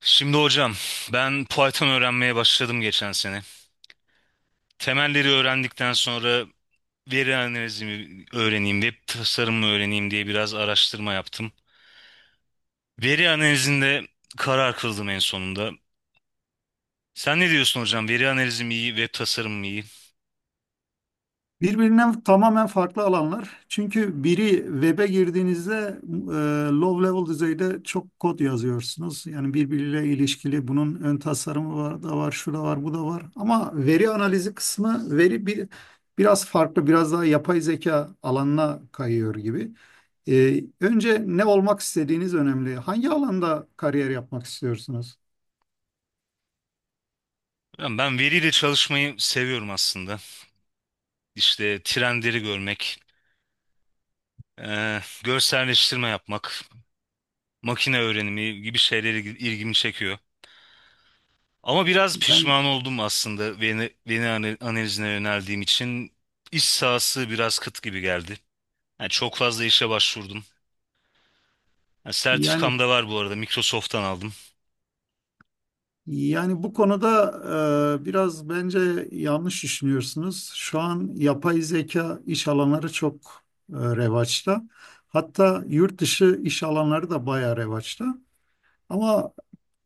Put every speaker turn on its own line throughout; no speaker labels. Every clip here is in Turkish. Şimdi hocam ben Python öğrenmeye başladım geçen sene. Temelleri öğrendikten sonra veri analizimi öğreneyim, web tasarımı öğreneyim diye biraz araştırma yaptım. Veri analizinde karar kıldım en sonunda. Sen ne diyorsun hocam? Veri analizi mi iyi, web tasarımı mı iyi?
Birbirinden tamamen farklı alanlar. Çünkü biri web'e girdiğinizde low level düzeyde çok kod yazıyorsunuz. Yani birbiriyle ilişkili bunun ön tasarımı var da var, şu da var, bu da var. Ama veri analizi kısmı biraz farklı, biraz daha yapay zeka alanına kayıyor gibi. Önce ne olmak istediğiniz önemli. Hangi alanda kariyer yapmak istiyorsunuz?
Hocam ben veriyle çalışmayı seviyorum aslında. İşte trendleri görmek, görselleştirme yapmak, makine öğrenimi gibi şeyleri ilgimi çekiyor. Ama biraz
Yani
pişman oldum aslında, beni analizine yöneldiğim için. İş sahası biraz kıt gibi geldi. Yani çok fazla işe başvurdum. Yani
yani
sertifikam da var bu arada. Microsoft'tan aldım.
Yani bu konuda biraz bence yanlış düşünüyorsunuz. Şu an yapay zeka iş alanları çok revaçta. Hatta yurt dışı iş alanları da bayağı revaçta. Ama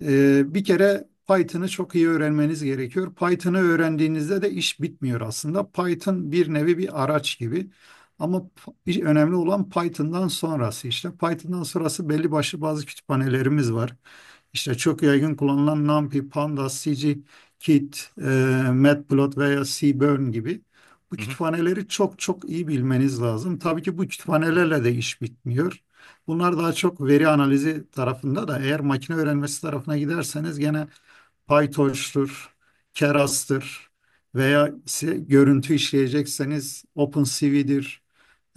bir kere Python'ı çok iyi öğrenmeniz gerekiyor. Python'ı öğrendiğinizde de iş bitmiyor aslında. Python bir nevi bir araç gibi. Ama önemli olan Python'dan sonrası işte. Python'dan sonrası belli başlı bazı kütüphanelerimiz var. İşte çok yaygın kullanılan NumPy, Pandas, scikit, Matplotlib veya Seaborn gibi bu
Hı hı.
kütüphaneleri çok çok iyi bilmeniz lazım. Tabii ki bu kütüphanelerle de iş bitmiyor. Bunlar daha çok veri analizi tarafında da eğer makine öğrenmesi tarafına giderseniz gene PyTorch'tur, Keras'tır veya ise görüntü işleyecekseniz OpenCV'dir.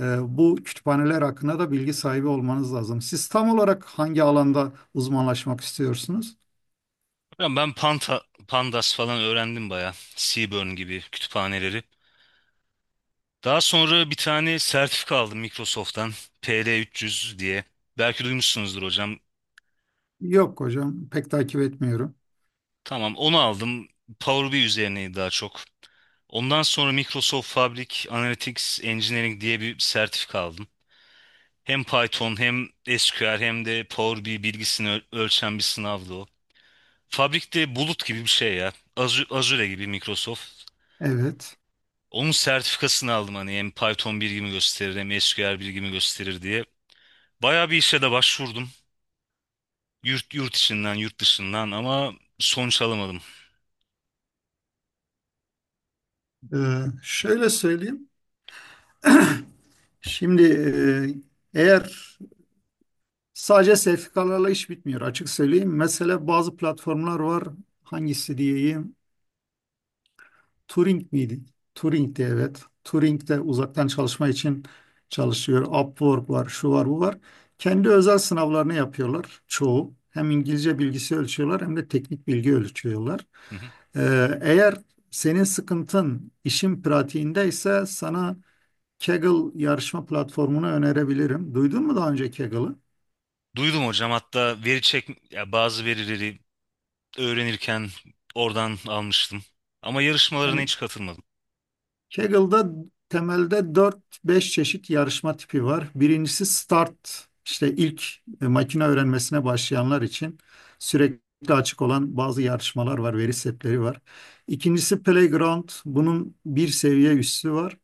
Bu kütüphaneler hakkında da bilgi sahibi olmanız lazım. Siz tam olarak hangi alanda uzmanlaşmak istiyorsunuz?
Ya ben Pandas falan öğrendim bayağı. Seaborn gibi kütüphaneleri. Daha sonra bir tane sertifika aldım Microsoft'tan. PL300 diye. Belki duymuşsunuzdur hocam.
Yok hocam, pek takip etmiyorum.
Tamam, onu aldım. Power BI üzerineydi daha çok. Ondan sonra Microsoft Fabric Analytics Engineering diye bir sertifika aldım. Hem Python hem SQL hem de Power BI bilgisini ölçen bir sınavdı o. Fabrik'te bulut gibi bir şey ya. Azure gibi, Microsoft.
Evet.
Onun sertifikasını aldım hani hem Python bilgimi gösterir hem SQL bilgimi gösterir diye. Bayağı bir işe de başvurdum. Yurt içinden, yurt dışından, ama sonuç alamadım.
Ee, şöyle söyleyeyim. Şimdi eğer sadece sertifikalarla iş bitmiyor, açık söyleyeyim. Mesela bazı platformlar var. Hangisi diyeyim? Turing miydi? Turing'di, evet. Turing de uzaktan çalışma için çalışıyor. Upwork var, şu var, bu var. Kendi özel sınavlarını yapıyorlar çoğu. Hem İngilizce bilgisi ölçüyorlar hem de teknik bilgi ölçüyorlar.
Hı hı.
Eğer senin sıkıntın işin pratiğindeyse sana Kaggle yarışma platformunu önerebilirim. Duydun mu daha önce Kaggle'ı?
Duydum hocam, hatta veri çek ya, bazı verileri öğrenirken oradan almıştım. Ama yarışmalarına
Yani
hiç katılmadım.
Kaggle'da temelde dört beş çeşit yarışma tipi var. Birincisi start, işte ilk makine öğrenmesine başlayanlar için sürekli açık olan bazı yarışmalar var, veri setleri var. İkincisi playground, bunun bir seviye üstü var.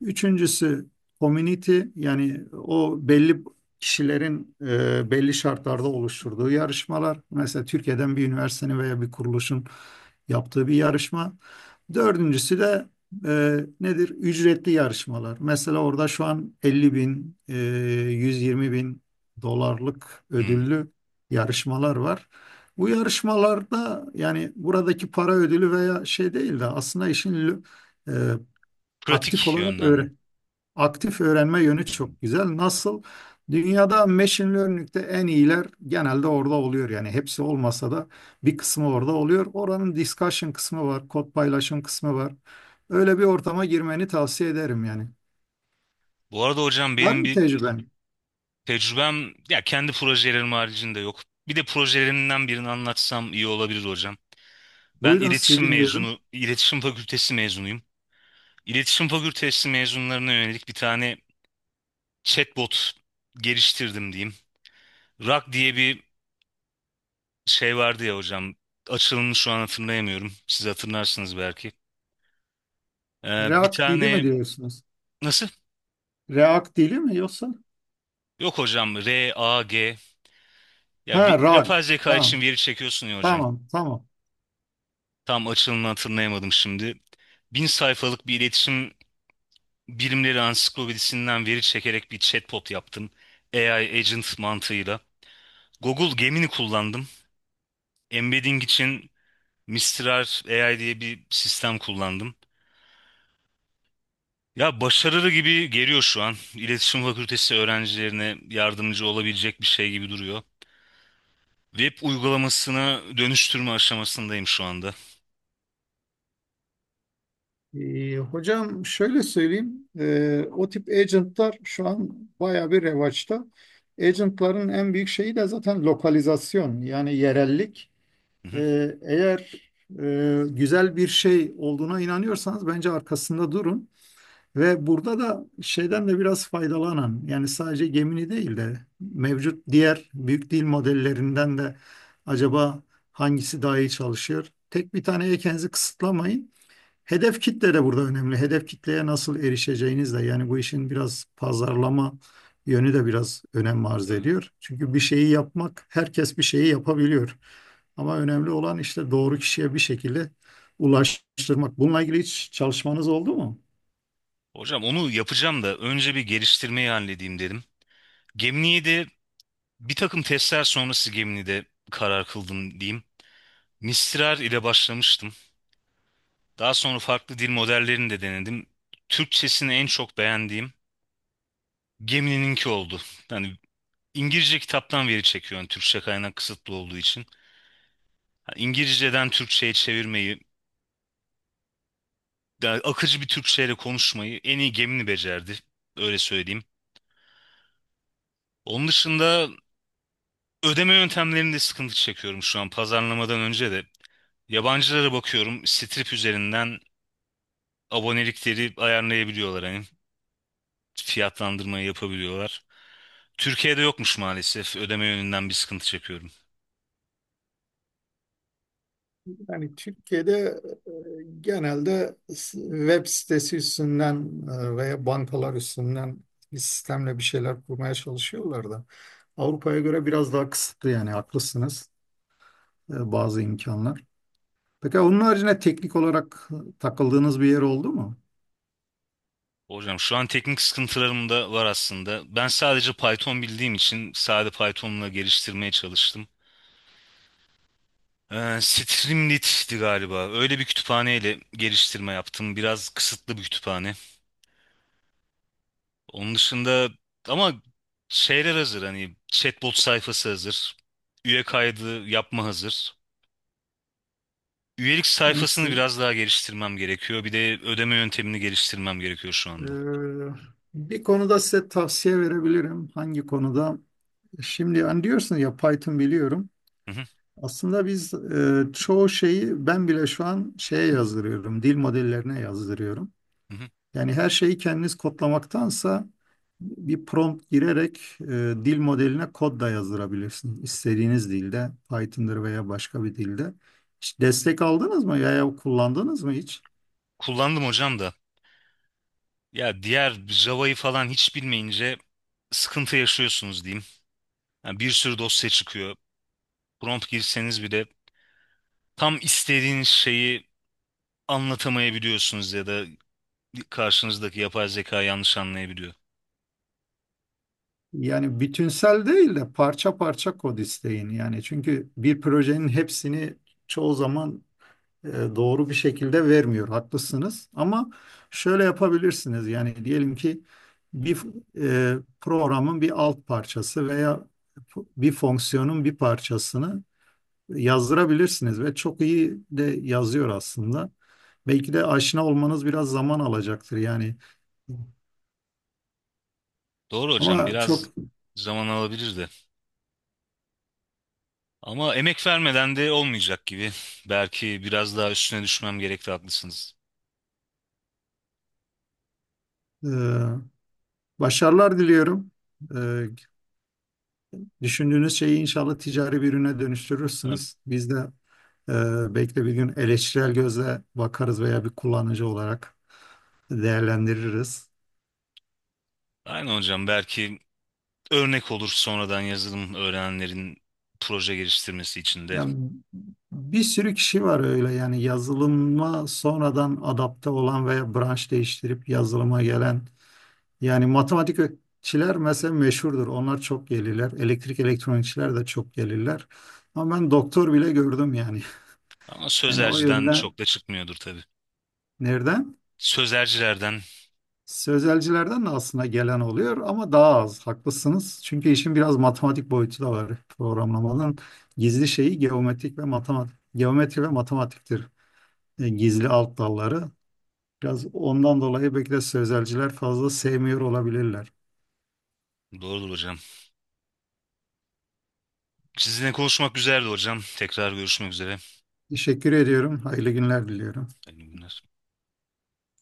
Üçüncüsü community, yani o belli kişilerin belli şartlarda oluşturduğu yarışmalar. Mesela Türkiye'den bir üniversitenin veya bir kuruluşun yaptığı bir yarışma. Dördüncüsü de nedir? Ücretli yarışmalar. Mesela orada şu an 50.000, 120 bin dolarlık
Hmm.
ödüllü yarışmalar var. Bu yarışmalarda yani buradaki para ödülü veya şey değil de aslında işin e, aktif
Pratik
olarak
yönden mi?
öğre aktif öğrenme yönü
Hmm.
çok güzel. Nasıl? Dünyada machine learning'de en iyiler genelde orada oluyor. Yani hepsi olmasa da bir kısmı orada oluyor. Oranın discussion kısmı var, kod paylaşım kısmı var. Öyle bir ortama girmeni tavsiye ederim yani.
Bu arada hocam
Var
benim
mı
bir
tecrüben?
tecrübem, ya, kendi projelerim haricinde yok. Bir de projelerimden birini anlatsam iyi olabilir hocam. Ben
Buyurun, sizi
iletişim
dinliyorum.
mezunu, iletişim fakültesi mezunuyum. İletişim fakültesi mezunlarına yönelik bir tane chatbot geliştirdim diyeyim. Rock diye bir şey vardı ya hocam. Açılımını şu an hatırlayamıyorum. Siz hatırlarsınız belki. Bir
React dili mi
tane
diyorsunuz?
nasıl?
React dili mi, yoksa?
Yok hocam, RAG. Ya
Ha, Rag.
yapay zeka için
Tamam,
veri çekiyorsun ya hocam.
tamam, tamam.
Tam açılımını hatırlayamadım şimdi. 1000 sayfalık bir iletişim bilimleri ansiklopedisinden veri çekerek bir chatbot yaptım. AI agent mantığıyla. Google Gemini kullandım. Embedding için Mistral AI diye bir sistem kullandım. Ya başarılı gibi geliyor şu an. İletişim Fakültesi öğrencilerine yardımcı olabilecek bir şey gibi duruyor. Web uygulamasına dönüştürme aşamasındayım şu anda.
Hocam, şöyle söyleyeyim. O tip agentlar şu an bayağı bir revaçta. Agentların en büyük şeyi de zaten lokalizasyon, yani yerellik.
Hı
Eğer güzel bir şey olduğuna inanıyorsanız bence arkasında durun. Ve burada da şeyden de biraz faydalanan, yani sadece Gemini değil de mevcut diğer büyük dil modellerinden de acaba hangisi daha iyi çalışıyor? Tek bir taneye kendinizi kısıtlamayın. Hedef kitle de burada önemli. Hedef kitleye nasıl erişeceğiniz de yani bu işin biraz pazarlama yönü de biraz önem arz
hı.
ediyor. Çünkü bir şeyi yapmak, herkes bir şeyi yapabiliyor. Ama önemli olan işte doğru kişiye bir şekilde ulaştırmak. Bununla ilgili hiç çalışmanız oldu mu?
Hocam onu yapacağım da önce bir geliştirmeyi halledeyim dedim. Gemini'yi de bir takım testler sonrası Gemini'de karar kıldım diyeyim. Mistral ile başlamıştım. Daha sonra farklı dil modellerini de denedim. Türkçesini en çok beğendiğim Gemini'ninki oldu. Yani İngilizce kitaptan veri çekiyorum, Türkçe kaynak kısıtlı olduğu için. Yani İngilizceden Türkçe'ye çevirmeyi, yani akıcı bir Türkçeyle konuşmayı en iyi Gemini becerdi. Öyle söyleyeyim. Onun dışında, ödeme yöntemlerinde sıkıntı çekiyorum şu an, pazarlamadan önce de. Yabancılara bakıyorum, Strip üzerinden abonelikleri ayarlayabiliyorlar hani, fiyatlandırmayı yapabiliyorlar. Türkiye'de yokmuş maalesef, ödeme yönünden bir sıkıntı çekiyorum.
Yani Türkiye'de e, genelde web sitesi üstünden veya bankalar üstünden bir sistemle bir şeyler kurmaya çalışıyorlar da. Avrupa'ya göre biraz daha kısıtlı, yani haklısınız. Bazı imkanlar. Peki onun haricinde teknik olarak takıldığınız bir yer oldu mu?
Hocam şu an teknik sıkıntılarım da var aslında. Ben sadece Python bildiğim için sade Python'la geliştirmeye çalıştım. Streamlit'ti galiba. Öyle bir kütüphaneyle geliştirme yaptım. Biraz kısıtlı bir kütüphane. Onun dışında ama şeyler hazır, hani chatbot sayfası hazır. Üye kaydı yapma hazır. Üyelik
Yani
sayfasını
siz,
biraz daha geliştirmem gerekiyor. Bir de ödeme yöntemini geliştirmem gerekiyor şu anda.
e, bir konuda size tavsiye verebilirim. Hangi konuda? Şimdi hani diyorsun ya, Python biliyorum.
Hı hı,
Aslında biz çoğu şeyi ben bile şu an şeye yazdırıyorum. Dil modellerine yazdırıyorum.
hı hı.
Yani her şeyi kendiniz kodlamaktansa bir prompt girerek dil modeline kod da yazdırabilirsiniz. İstediğiniz dilde, Python'dır veya başka bir dilde. Hiç destek aldınız mı veya kullandınız mı hiç?
Kullandım hocam da. Ya, diğer Java'yı falan hiç bilmeyince sıkıntı yaşıyorsunuz diyeyim. Yani bir sürü dosya çıkıyor. Prompt girseniz bile tam istediğiniz şeyi anlatamayabiliyorsunuz ya da karşınızdaki yapay zeka yanlış anlayabiliyor.
Yani bütünsel değil de parça parça kod isteyin. Yani çünkü bir projenin hepsini çoğu zaman e, doğru bir şekilde vermiyor. Haklısınız. Ama şöyle yapabilirsiniz. Yani diyelim ki bir programın bir alt parçası veya bir fonksiyonun bir parçasını yazdırabilirsiniz ve çok iyi de yazıyor aslında. Belki de aşina olmanız biraz zaman alacaktır. Yani,
Doğru hocam,
ama çok.
biraz zaman alabilirdi. Ama emek vermeden de olmayacak gibi. Belki biraz daha üstüne düşmem gerekti, haklısınız.
E, başarılar diliyorum. E, düşündüğünüz şeyi inşallah ticari bir ürüne
Ha,
dönüştürürsünüz. Biz de Belki de bir gün eleştirel gözle bakarız veya bir kullanıcı olarak değerlendiririz.
aynen hocam, belki örnek olur sonradan yazılım öğrenenlerin proje geliştirmesi için de.
Yani bir sürü kişi var öyle, yani yazılıma sonradan adapte olan veya branş değiştirip yazılıma gelen. Yani matematikçiler mesela meşhurdur. Onlar çok gelirler. Elektrik elektronikçiler de çok gelirler. Ama ben doktor bile gördüm yani.
Ama
Yani o
sözerciden
yüzden
çok da çıkmıyordur tabii.
nereden?
Sözercilerden
Sözelcilerden de aslında gelen oluyor ama daha az. Haklısınız. Çünkü işin biraz matematik boyutu da var. Programlamanın gizli şeyi geometrik ve matematik, geometri ve matematiktir. Gizli alt dalları. Biraz ondan dolayı belki de sözelciler fazla sevmiyor olabilirler.
doğrudur hocam. Sizinle konuşmak güzeldi hocam. Tekrar görüşmek üzere.
Teşekkür ediyorum. Hayırlı günler diliyorum.
Hayırlı günler.